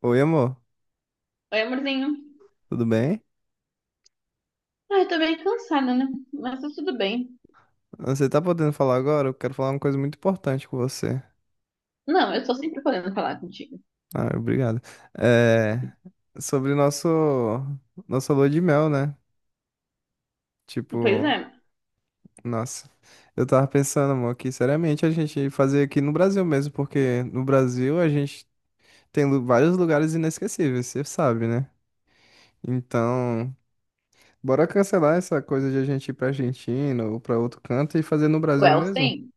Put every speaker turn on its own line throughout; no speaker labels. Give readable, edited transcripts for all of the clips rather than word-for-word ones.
Oi, amor,
Oi, amorzinho.
tudo bem?
Ah, eu tô meio cansada, né? Mas tá tudo bem.
Você tá podendo falar agora? Eu quero falar uma coisa muito importante com você.
Não, eu tô sempre podendo falar contigo.
Ah, obrigado. É, sobre nosso nossa lua de mel, né?
Pois
Tipo,
é.
nossa, eu tava pensando, amor, que seriamente a gente fazer aqui no Brasil mesmo, porque no Brasil a gente tem vários lugares inesquecíveis, você sabe, né? Então, bora cancelar essa coisa de a gente ir pra Argentina ou pra outro canto e fazer no
O
Brasil mesmo?
Elsen?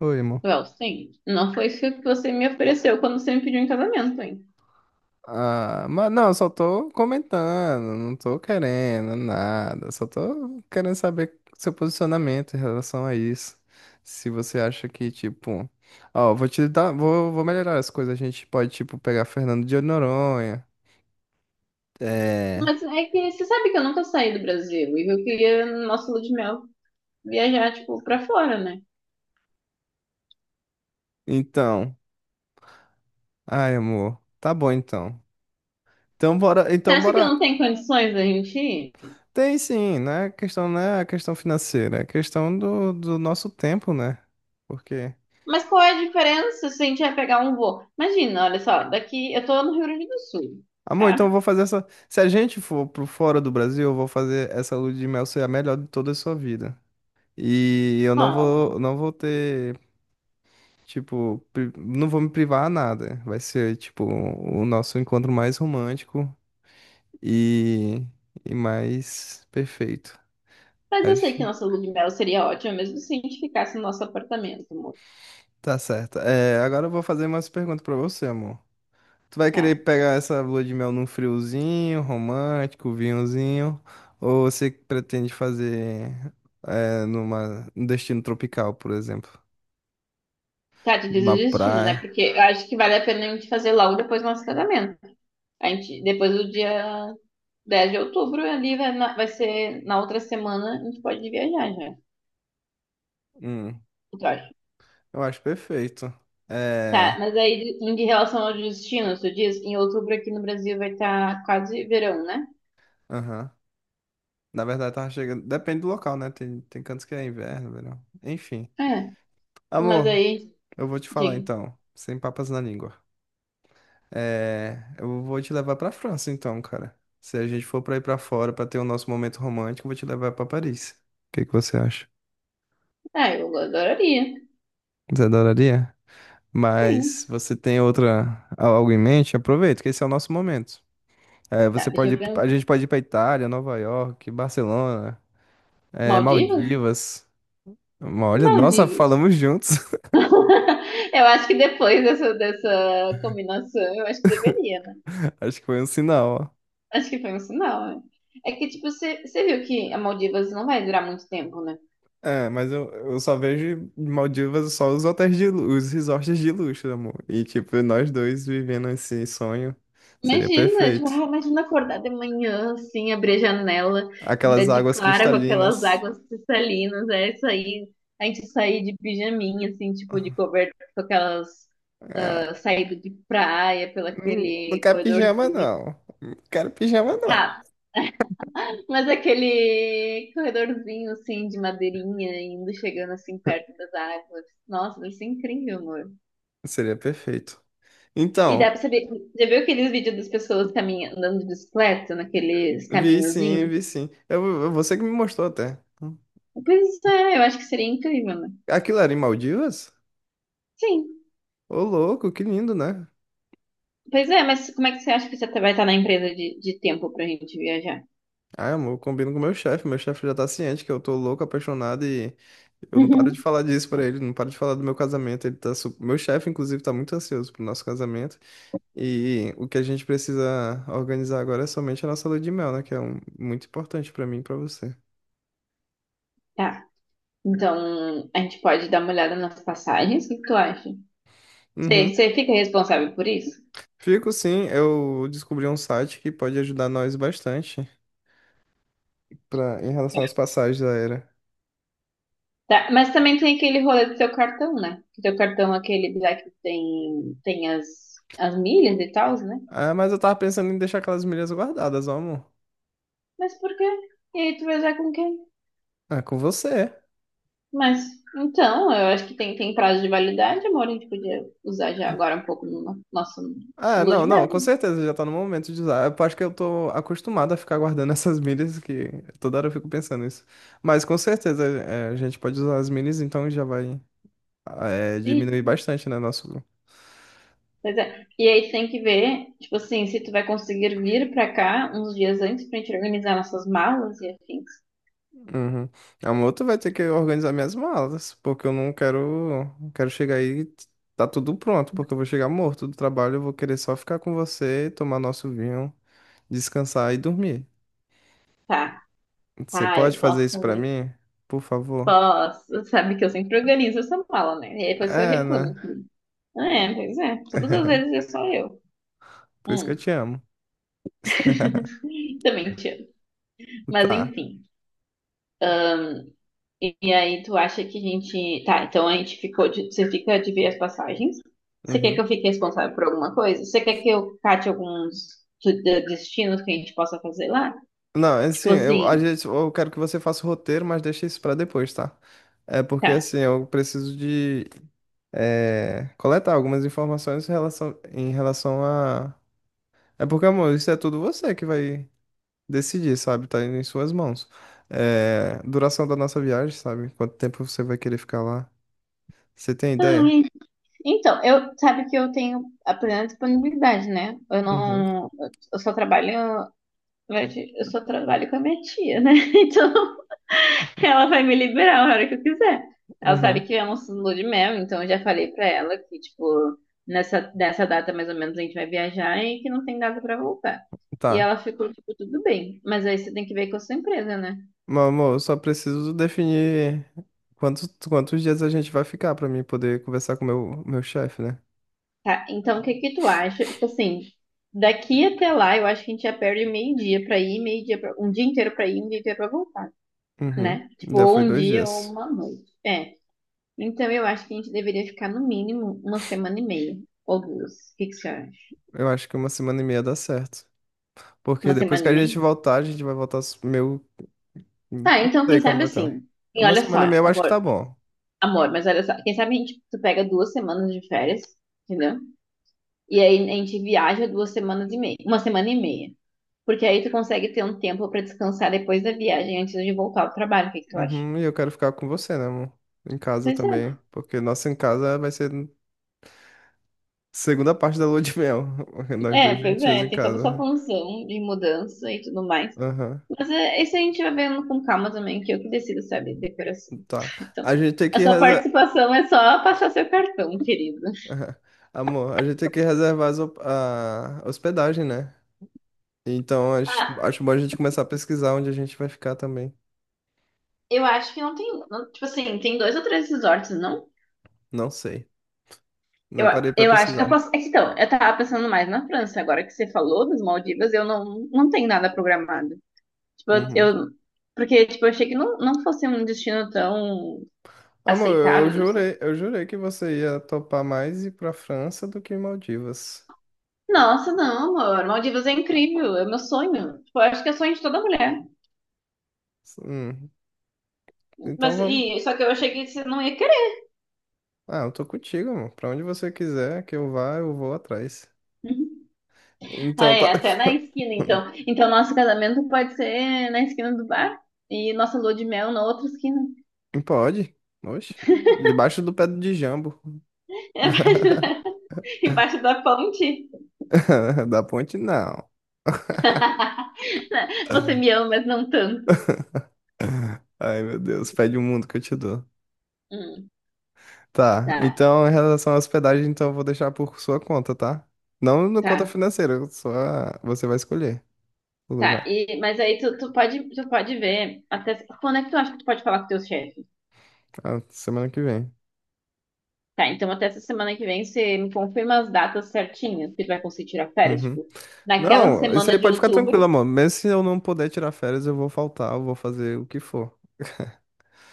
Oi, amor.
O Elsen? Não foi isso que você me ofereceu quando você me pediu em casamento, hein?
Ah, mas não, eu só tô comentando, não tô querendo nada, só tô querendo saber seu posicionamento em relação a isso. Se você acha que, tipo, ó, vou te dar, vou melhorar as coisas, a gente pode, tipo, pegar Fernando de Noronha. É,
Mas é que você sabe que eu nunca saí do Brasil e eu queria, no nosso lua de mel, viajar, tipo, pra fora, né?
então, ai, amor, tá bom então.
Você
Então
acha que
bora.
não tem condições da gente ir?
Tem sim, né? A questão não é a questão financeira, é a questão do nosso tempo, né? Porque
Mas qual é a diferença se a gente vai pegar um voo? Imagina, olha só, daqui eu tô no Rio Grande do Sul,
amor, então eu
tá?
vou fazer essa. Se a gente for pro fora do Brasil, eu vou fazer essa lua de mel ser a melhor de toda a sua vida. E eu
Bom,
não vou ter, tipo, não vou me privar a nada. Vai ser, tipo, o nosso encontro mais romântico e, e mais perfeito.
mas eu sei que
Acho.
nossa lua de mel seria ótima, mesmo se a gente ficasse no nosso apartamento, amor.
Tá certo. É, agora eu vou fazer umas perguntas pra você, amor. Tu vai querer
Tá.
pegar essa lua de mel num friozinho, romântico, vinhozinho, ou você pretende fazer numa, num destino tropical, por exemplo,
Tá, te diz o
numa
destino, né?
praia?
Porque eu acho que vale a pena a gente fazer logo depois do nosso casamento. A gente, depois do dia 10 de outubro, ali vai, vai ser na outra semana, a gente pode viajar já.
Hum,
Eu acho.
eu acho perfeito.
Tá,
É,
mas aí em relação ao destino, tu diz, em outubro aqui no Brasil vai estar quase verão, né?
aham. Na verdade, tava chegando. Depende do local, né? Tem cantos que é inverno, verão. Enfim.
É. Mas
Amor,
aí,
eu vou te falar
diga.
então, sem papas na língua. É, eu vou te levar pra França então, cara. Se a gente for pra ir pra fora pra ter o nosso momento romântico, eu vou te levar pra Paris. O que que você acha?
Ah, eu adoraria.
Você adoraria? Mas
Sim.
você tem outra algo em mente? Aproveita, que esse é o nosso momento. É,
Tá,
você
deixa eu
pode, a
pensar.
gente pode ir pra Itália, Nova York, Barcelona, é,
Maldivas?
Maldivas. Olha, nossa,
Maldivas.
falamos juntos.
Eu acho que depois dessa, dessa combinação, eu acho que deveria, né?
Acho que foi um sinal, ó.
Acho que foi um sinal, né? É que, tipo, você viu que a Maldivas não vai durar muito tempo, né?
É, mas eu só vejo Maldivas só os hotéis de os resorts de luxo, amor. E tipo, nós dois vivendo esse sonho seria
Imagina, tipo,
perfeito.
ah, imagina acordar de manhã, assim, abrir a janela, dar
Aquelas
de
águas
clara com aquelas
cristalinas.
águas cristalinas, é isso aí. A gente sair de pijaminha, assim, tipo, de coberta, com aquelas
Ah,
ah, saídas de praia, pelo
não, não
aquele
quero pijama,
corredorzinho.
não. Não quero pijama, não.
Ah, mas aquele corredorzinho assim de madeirinha indo chegando assim perto das árvores. Nossa, deve ser incrível, amor.
Seria perfeito.
E dá
Então,
pra saber. Já viu aqueles vídeos das pessoas caminhando, andando de bicicleta naqueles
vi sim,
caminhozinhos?
vi sim. Você que me mostrou até.
Pois é, eu acho que seria incrível, né?
Aquilo era em Maldivas?
Sim.
Ô, louco, que lindo, né?
Pois é, mas como é que você acha que você vai estar na empresa de tempo pra gente viajar?
Ah, amor, eu combino com o meu chefe. Meu chefe já tá ciente que eu tô louco, apaixonado e eu não paro
Uhum.
de falar disso pra ele, não paro de falar do meu casamento. Ele tá su... Meu chefe, inclusive, tá muito ansioso pro nosso casamento. E o que a gente precisa organizar agora é somente a nossa lua de mel, né? Que é um... muito importante pra mim e pra você.
Tá. Então, a gente pode dar uma olhada nas passagens? O que que tu acha? Você,
Uhum.
você fica responsável por isso?
Fico sim, eu descobri um site que pode ajudar nós bastante pra... em relação às passagens da era.
Tá, mas também tem aquele rolê do seu cartão, né? Que teu cartão, é aquele lá que tem as milhas e tal, né?
Ah, mas eu tava pensando em deixar aquelas milhas guardadas, ó, amor.
Mas por quê? E aí tu vai usar com quem?
Ah, com você.
Mas, então, eu acho que tem prazo de validade, amor. A gente podia usar já agora um pouco no nosso lua de mel.
Não, com certeza já tá no momento de usar. Eu acho que eu tô acostumado a ficar guardando essas milhas, que toda hora eu fico pensando nisso. Mas com certeza é, a gente pode usar as milhas, então já vai
E,
diminuir bastante, né, nosso...
pois é. E aí tu tem que ver, tipo assim, se tu vai conseguir vir pra cá uns dias antes pra gente organizar nossas malas e afins.
Uhum. A moto vai ter que organizar minhas malas, porque eu não quero, não quero chegar aí e tá tudo pronto, porque eu vou chegar morto do trabalho, eu vou querer só ficar com você, tomar nosso vinho, descansar e dormir.
Tá,
Você
tá,
pode
eu
fazer
posso,
isso pra mim? Por favor?
posso. Sabe que eu sempre organizo essa mala, né? E aí depois eu
É,
reclamo.
né?
É, pois é. Todas as vezes é só eu.
Por isso que
Hum,
eu te amo.
Também te amo. Mas
Tá.
enfim. E aí tu acha que a gente. Tá, então a gente ficou de. Você fica de ver as passagens. Você quer que
Uhum.
eu fique responsável por alguma coisa? Você quer que eu cate alguns destinos que a gente possa fazer lá?
Não, é assim,
Tipo
eu, a
assim,
gente eu quero que você faça o roteiro, mas deixa isso pra depois, tá? É porque,
tá.
assim, eu preciso de coletar algumas informações em relação a... É porque, amor, isso é tudo você que vai decidir, sabe? Tá indo em suas mãos. É, duração da nossa viagem, sabe? Quanto tempo você vai querer ficar lá? Você tem ideia?
Ai, então, eu sabe que eu tenho a plena disponibilidade, né? Eu
Uhum,
não. Eu só trabalho, na verdade. Eu só trabalho com a minha tia, né? Então. Ela vai me liberar a hora que eu quiser. Ela sabe
uhum.
que é um lua de mel, então eu já falei pra ela que, tipo, nessa data mais ou menos a gente vai viajar e que não tem data pra voltar. E
Tá.
ela ficou, tipo, tudo bem. Mas aí você tem que ver com a sua empresa, né?
Meu amor, eu só preciso definir quantos dias a gente vai ficar pra mim poder conversar com o meu chefe, né?
Tá, então o que que tu acha? Tipo assim, daqui até lá eu acho que a gente já perde meio-dia pra ir, meio-dia pra, um dia inteiro pra ir, um dia inteiro pra voltar,
Uhum.
né? Tipo,
Já
ou
foi
um
dois
dia ou
dias.
uma noite. É. Então eu acho que a gente deveria ficar no mínimo uma semana e meia ou duas. O que que você acha?
Eu acho que uma semana e meia dá certo. Porque
Uma
depois
semana
que
e
a gente
meia?
voltar, a gente vai voltar meio. Não
Tá, então
sei
quem
como
sabe
vai estar.
assim. E
Uma
olha só,
semana e meia eu acho que tá
amor,
bom.
amor, mas olha só, quem sabe a gente tu pega 2 semanas de férias, entendeu? E aí a gente viaja 2 semanas e meia, uma semana e meia. Porque aí tu consegue ter um tempo pra descansar depois da viagem, antes de voltar ao trabalho. O que que tu acha?
Uhum, e eu quero ficar com você, né, amor? Em casa
Pois
também.
é.
Porque nossa em casa vai ser segunda parte da lua de mel. Nós
É,
dois
pois
juntinhos
é,
em
tem toda
casa.
essa
Né?
função de mudança e tudo mais.
Aham.
Mas é, isso a gente vai vendo com calma também, que eu que decido, sabe, decoração.
Tá.
Então,
A gente tem
a
que
sua
reservar.
participação é só passar seu cartão, querido.
Aham. Amor, a gente tem que reservar as a hospedagem, né? Então acho,
Ah,
acho bom a gente começar a pesquisar onde a gente vai ficar também.
eu acho que não tem. Tipo assim, tem dois ou três resorts, não?
Não sei.
Eu,
Não parei pra
eu acho. Eu
pesquisar.
posso, é que então, eu tava pensando mais na França. Agora que você falou das Maldivas, eu não, não tenho nada programado. Tipo,
Uhum.
eu. Porque, tipo, eu achei que não fosse um destino tão
Amor,
aceitável assim.
eu jurei que você ia topar mais ir pra França do que Maldivas.
Nossa, não, amor. Maldivas é incrível. É meu sonho. Tipo, eu acho que é sonho de toda mulher.
Hum, Então
Mas,
vamos.
e, só que eu achei que você não ia querer.
Ah, eu tô contigo, amor. Pra onde você quiser que eu vá, eu vou atrás.
Uhum. Ah,
Então tá.
é, até na esquina, então. Então, nosso casamento pode ser na esquina do bar e nossa lua de mel na outra esquina.
Pode. Oxe. Debaixo do pé de jambo.
Embaixo da ponte?
Da ponte, não.
Você me ama, mas não tanto.
Ai, meu Deus, pede o mundo que eu te dou.
Hum,
Tá,
tá,
então em relação à hospedagem, então eu vou deixar por sua conta, tá? Não na conta
tá,
financeira, só você vai escolher o
tá.
lugar.
E, mas aí tu pode ver até quando é que tu acha que tu pode falar com teu chefe?
Ah, semana que vem.
Tá, então até essa semana que vem você me confirma as datas certinhas que tu vai conseguir tirar férias,
Uhum.
tipo, naquela
Não, isso
semana
aí
de
pode ficar tranquilo,
outubro.
amor. Mesmo se eu não puder tirar férias, eu vou faltar, eu vou fazer o que for.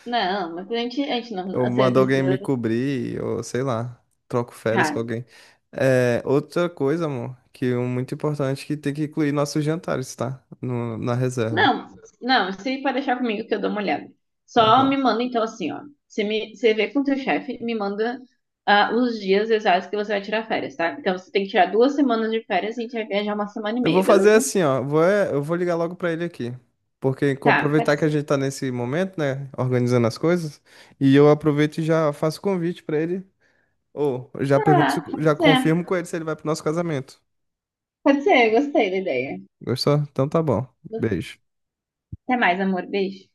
Não, mas a gente não,
Ou
você
mando alguém me
precisa.
cobrir, ou sei lá, troco férias
Tá,
com alguém. É, outra coisa, amor, que é muito importante, que tem que incluir nossos jantares, tá? No, na reserva.
não, não, se aí pode deixar comigo que eu dou uma olhada.
Ah,
Só
tá.
me manda então assim, ó. Você me, você vê com o teu chefe, me manda ah, os dias exatos que você vai tirar férias, tá? Então você tem que tirar 2 semanas de férias e a gente vai viajar uma semana e
Eu vou
meia,
fazer
beleza?
assim, ó. Eu vou ligar logo pra ele aqui. Porque
Tá, pode
aproveitar que a
ser.
gente tá nesse momento, né? Organizando as coisas. E eu aproveito e já faço convite pra ele. Ou eu já pergunto,
Tá,
já
pode ser.
confirmo com ele se ele vai pro nosso casamento.
Pode ser, eu gostei da ideia.
Gostou? Então tá bom. Beijo.
Até mais, amor. Beijo.